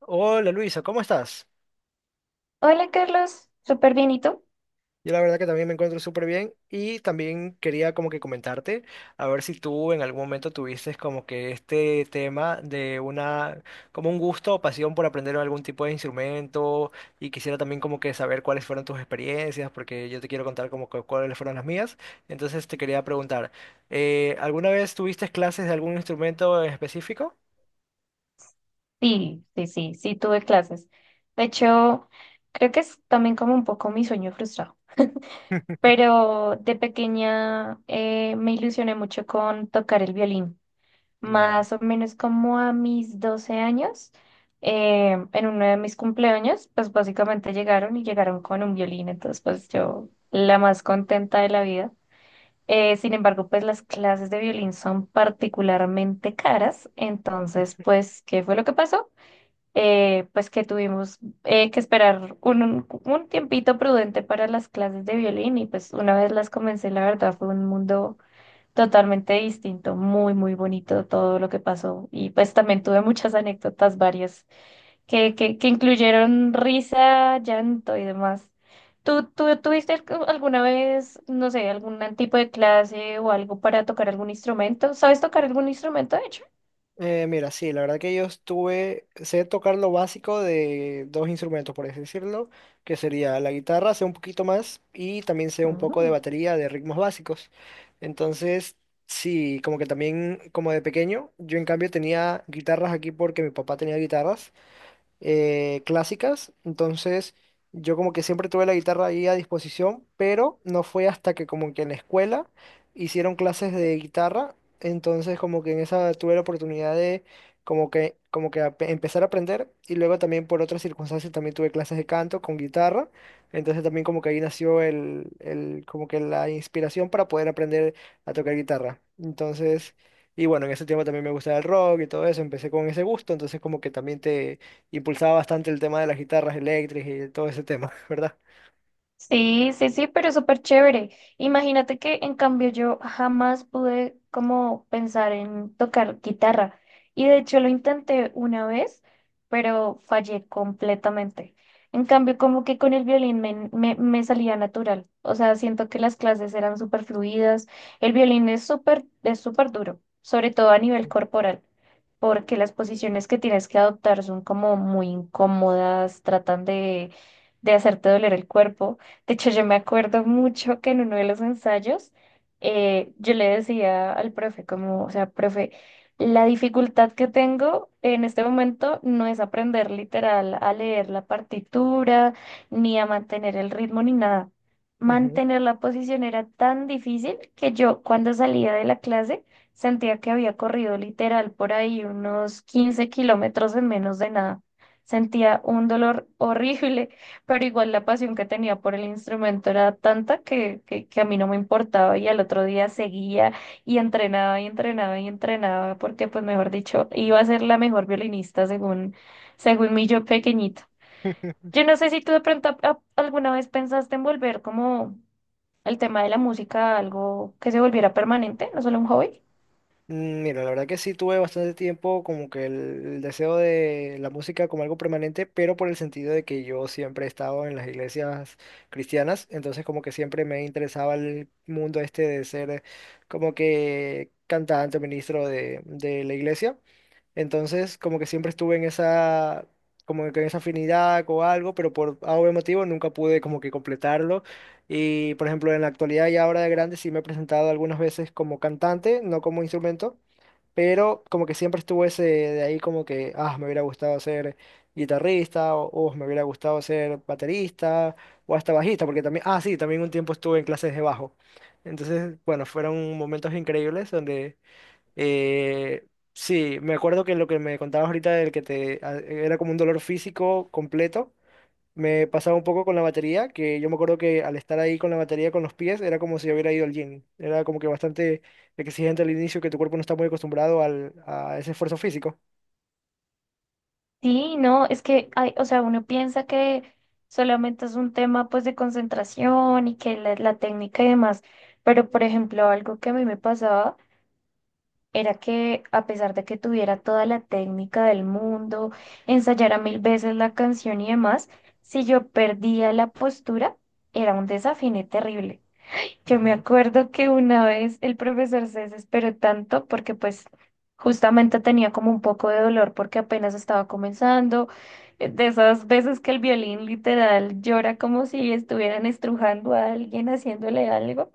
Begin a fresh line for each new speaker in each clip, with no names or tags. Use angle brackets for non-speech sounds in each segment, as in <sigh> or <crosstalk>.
Hola Luisa, ¿cómo estás?
Hola Carlos, súper bien, ¿y tú?
Yo la verdad que también me encuentro súper bien y también quería como que comentarte a ver si tú en algún momento tuviste como que este tema como un gusto o pasión por aprender algún tipo de instrumento y quisiera también como que saber cuáles fueron tus experiencias porque yo te quiero contar como que cuáles fueron las mías. Entonces te quería preguntar, ¿alguna vez tuviste clases de algún instrumento en específico?
Sí, sí, sí, sí, tuve clases. De hecho, creo que es también como un poco mi sueño frustrado, pero de pequeña me ilusioné mucho con tocar el violín,
Ya.
más o menos como a mis 12 años, en uno de mis cumpleaños, pues básicamente llegaron y llegaron con un violín, entonces pues yo la más contenta de la vida. Sin embargo, pues las clases de violín son particularmente caras, entonces, pues, ¿qué fue lo que pasó? Pues que tuvimos que esperar un tiempito prudente para las clases de violín y pues una vez las comencé, la verdad fue un mundo totalmente distinto, muy, muy bonito todo lo que pasó y pues también tuve muchas anécdotas varias que incluyeron risa, llanto y demás. ¿Tú tuviste alguna vez, no sé, algún tipo de clase o algo para tocar algún instrumento? ¿Sabes tocar algún instrumento, de hecho?
Mira, sí, la verdad que yo estuve, sé tocar lo básico de dos instrumentos, por así decirlo, que sería la guitarra, sé un poquito más, y también sé un poco de batería, de ritmos básicos. Entonces, sí, como que también, como de pequeño, yo en cambio tenía guitarras aquí porque mi papá tenía guitarras, clásicas, entonces yo como que siempre tuve la guitarra ahí a disposición, pero no fue hasta que como que en la escuela hicieron clases de guitarra, entonces como que en esa tuve la oportunidad de como que empezar a aprender y luego también por otras circunstancias también tuve clases de canto con guitarra, entonces también como que ahí nació el como que la inspiración para poder aprender a tocar guitarra. Entonces... Y bueno, en ese tiempo también me gustaba el rock y todo eso, empecé con ese gusto, entonces como que también te, impulsaba bastante el tema de las guitarras eléctricas y todo ese tema, <laughs> ¿verdad?
Sí, sí, sí, pero súper chévere. Imagínate que en cambio yo jamás pude como pensar en tocar guitarra. Y de hecho lo intenté una vez, pero fallé completamente. En cambio, como que con el violín me salía natural. O sea, siento que las clases eran súper fluidas. El violín es súper duro, sobre todo a nivel corporal porque las posiciones que tienes que adoptar son como muy incómodas, tratan de hacerte doler el cuerpo. De hecho, yo me acuerdo mucho que en uno de los ensayos yo le decía al profe como, o sea, profe, la dificultad que tengo en este momento no es aprender literal a leer la partitura, ni a mantener el ritmo, ni nada.
Ujú.
Mantener la posición era tan difícil que yo cuando salía de la clase sentía que había corrido literal por ahí unos 15 kilómetros en menos de nada. Sentía un dolor horrible pero igual la pasión que tenía por el instrumento era tanta que a mí no me importaba y al otro día seguía y entrenaba y entrenaba y entrenaba porque, pues, mejor dicho, iba a ser la mejor violinista según mi yo pequeñito. Yo
<laughs>
no sé si tú de pronto alguna vez pensaste en volver como el tema de la música a algo que se volviera permanente, no solo un hobby.
Mm, mira, la verdad que sí tuve bastante tiempo como que el deseo de la música como algo permanente, pero por el sentido de que yo siempre he estado en las iglesias cristianas, entonces como que siempre me interesaba el mundo este de ser como que cantante o ministro de la iglesia. Entonces, como que siempre estuve en esa, como que en esa afinidad o algo, pero por A o B motivo nunca pude como que completarlo. Y, por ejemplo, en la actualidad y ahora de grande sí me he presentado algunas veces como cantante, no como instrumento, pero como que siempre estuvo ese de ahí como que, ah, me hubiera gustado ser guitarrista o, "Oh, me hubiera gustado ser baterista o hasta bajista, porque también, ah, sí, también un tiempo estuve en clases de bajo. Entonces, bueno, fueron momentos increíbles donde eh, sí, me acuerdo que lo que me contabas ahorita del que te era como un dolor físico completo, me pasaba un poco con la batería, que yo me acuerdo que al estar ahí con la batería con los pies era como si yo hubiera ido al gym. Era como que bastante exigente al inicio, que tu cuerpo no está muy acostumbrado al, a ese esfuerzo físico.
Sí, no, es que hay, o sea, uno piensa que solamente es un tema pues de concentración y que la técnica y demás, pero por ejemplo, algo que a mí me pasaba era que a pesar de que tuviera toda la técnica del mundo, ensayara mil veces la canción y demás, si yo perdía la postura, era un desafiné terrible. Yo me
Ujú.
acuerdo que una vez el profesor se desesperó tanto porque pues justamente tenía como un poco de dolor porque apenas estaba comenzando, de esas veces que el violín literal llora como si estuvieran estrujando a alguien haciéndole algo.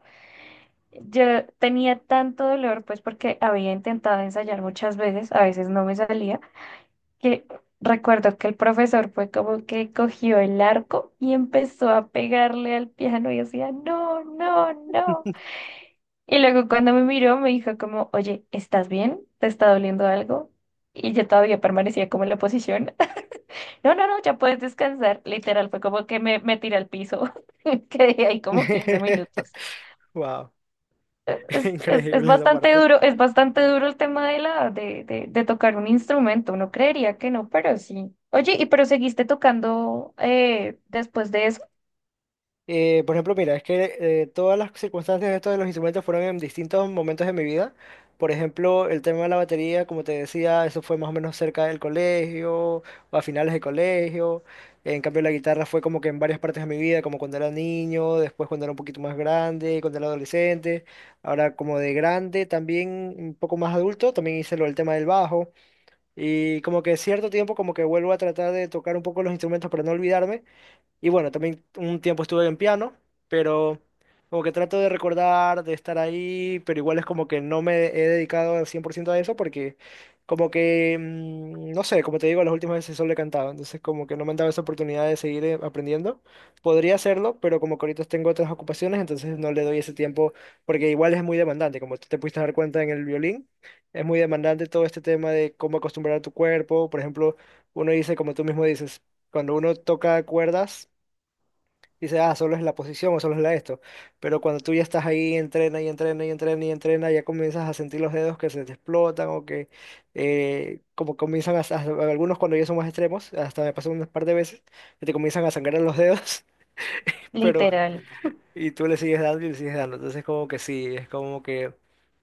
Yo tenía tanto dolor pues porque había intentado ensayar muchas veces, a veces no me salía, que recuerdo que el profesor fue como que cogió el arco y empezó a pegarle al piano y decía, no, no, no. Y luego cuando me miró me dijo como, oye, ¿estás bien? ¿Te está doliendo algo? Y yo todavía permanecía como en la posición. <laughs> No, no, no, ya puedes descansar. Literal, fue como que me tiré al piso. <laughs> Quedé ahí como 15 minutos.
<laughs> Wow, <laughs>
Es
increíble esa
bastante
parte.
duro, es bastante duro el tema de tocar un instrumento. Uno creería que no, pero sí. Oye, ¿y pero seguiste tocando después de eso?
Por ejemplo, mira, es que todas las circunstancias de estos de los instrumentos fueron en distintos momentos de mi vida. Por ejemplo, el tema de la batería, como te decía, eso fue más o menos cerca del colegio o a finales de colegio. En cambio, la guitarra fue como que en varias partes de mi vida, como cuando era niño, después cuando era un poquito más grande, cuando era adolescente. Ahora como de grande, también un poco más adulto, también hice lo del tema del bajo. Y como que cierto tiempo como que vuelvo a tratar de tocar un poco los instrumentos para no olvidarme y bueno, también un tiempo estuve en piano, pero como que trato de recordar, de estar ahí, pero igual es como que no me he dedicado al 100% a eso porque como que, mm, no sé, como te digo, las últimas veces solo he cantado, entonces como que no me han dado esa oportunidad de seguir aprendiendo. Podría hacerlo, pero como que ahorita tengo otras ocupaciones, entonces no le doy ese tiempo porque igual es muy demandante, como tú te pudiste dar cuenta en el violín, es muy demandante todo este tema de cómo acostumbrar a tu cuerpo, por ejemplo, uno dice, como tú mismo dices, cuando uno toca cuerdas, dice, ah, solo es la posición o solo es la esto. Pero cuando tú ya estás ahí, entrena y entrena y entrena y entrena, ya comienzas a sentir los dedos que se te explotan o que como comienzan a, algunos cuando ya son más extremos, hasta me pasó unas par de veces, que te comienzan a sangrar los dedos, <laughs> pero
Literal.
y tú le sigues dando y le sigues dando. Entonces como que sí, es como que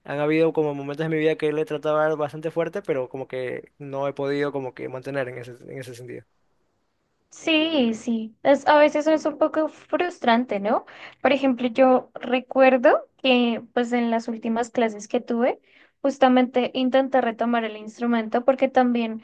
han habido como momentos en mi vida que le he tratado de dar bastante fuerte, pero como que no he podido como que mantener en ese sentido.
Sí, sí, es, a veces es un poco frustrante, ¿no? Por ejemplo, yo recuerdo que pues en las últimas clases que tuve, justamente intenté retomar el instrumento porque también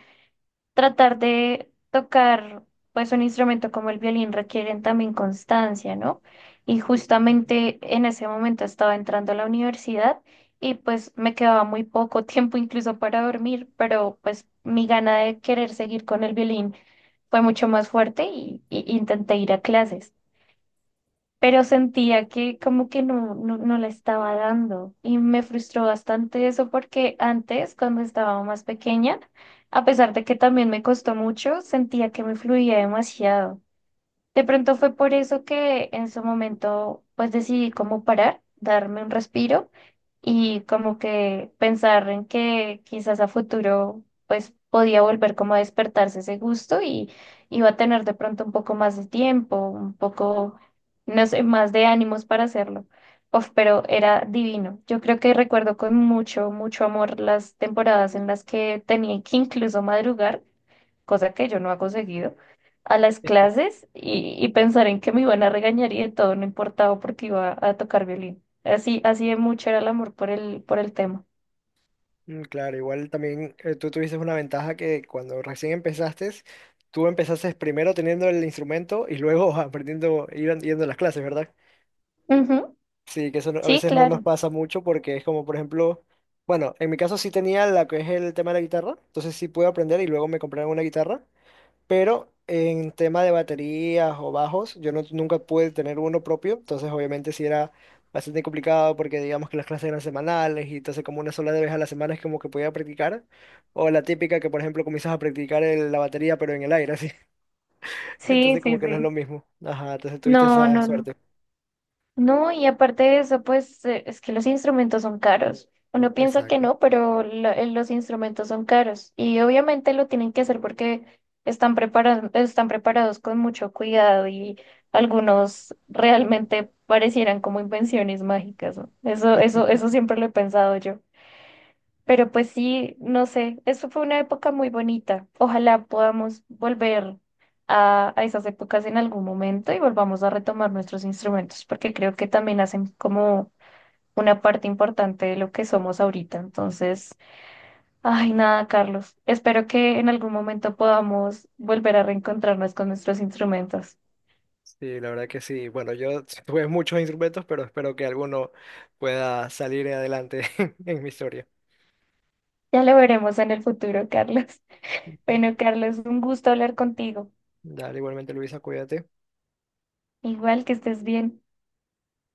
tratar de tocar pues un instrumento como el violín requieren también constancia, ¿no? Y justamente en ese momento estaba entrando a la universidad y pues me quedaba muy poco <laughs> tiempo incluso para dormir, pero pues mi gana de querer seguir con el violín fue mucho más fuerte y intenté ir a clases, pero sentía que como que no la estaba dando y me frustró bastante eso porque antes, cuando estaba más pequeña, a pesar de que también me costó mucho, sentía que me fluía demasiado. De pronto fue por eso que en su momento pues decidí como parar, darme un respiro y como que pensar en que quizás a futuro pues podía volver como a despertarse ese gusto y iba a tener de pronto un poco más de tiempo, un poco, no sé, más de ánimos para hacerlo. Uf, pero era divino. Yo creo que recuerdo con mucho, mucho amor las temporadas en las que tenía que incluso madrugar, cosa que yo no hago seguido a las clases y pensar en que me iban a regañar y de todo no importaba porque iba a tocar violín. Así, así de mucho era el amor por el tema.
Mm, claro, igual también tú tuviste una ventaja que cuando recién empezaste, tú empezaste primero teniendo el instrumento y luego <laughs> aprendiendo, yendo a las clases, ¿verdad?
Ujú.
Sí, que eso a
Sí,
veces no nos
claro.
pasa mucho porque es como, por ejemplo, bueno, en mi caso sí tenía la que es el tema de la guitarra, entonces sí pude aprender y luego me compraron una guitarra, pero en tema de baterías o bajos, yo no, nunca pude tener uno propio, entonces obviamente sí era bastante complicado porque digamos que las clases eran semanales y entonces como una sola vez a la semana es como que podía practicar, o la típica que por ejemplo comienzas a practicar la batería pero en el aire, así, <laughs>
Sí,
entonces como
sí,
que no es
sí.
lo mismo. Ajá, entonces tuviste
No,
esa
no, no.
suerte.
No, y aparte de eso, pues es que los instrumentos son caros. Uno piensa que
Exacto.
no, pero los instrumentos son caros. Y obviamente lo tienen que hacer porque están preparados con mucho cuidado y algunos realmente parecieran como invenciones mágicas, ¿no? Eso siempre lo he pensado yo. Pero pues sí, no sé, eso fue una época muy bonita. Ojalá podamos volver a esas épocas en algún momento y volvamos a retomar nuestros instrumentos, porque creo que también hacen como una parte importante de lo que somos ahorita. Entonces, ay, nada, Carlos, espero que en algún momento podamos volver a reencontrarnos con nuestros instrumentos.
Sí, la verdad que sí. Bueno, yo <laughs> tuve muchos instrumentos, pero espero que alguno pueda salir adelante <laughs> en mi historia.
Ya lo veremos en el futuro, Carlos. <laughs> Bueno, Carlos, un gusto hablar contigo.
Dale, igualmente Luisa, cuídate.
Igual que estés bien.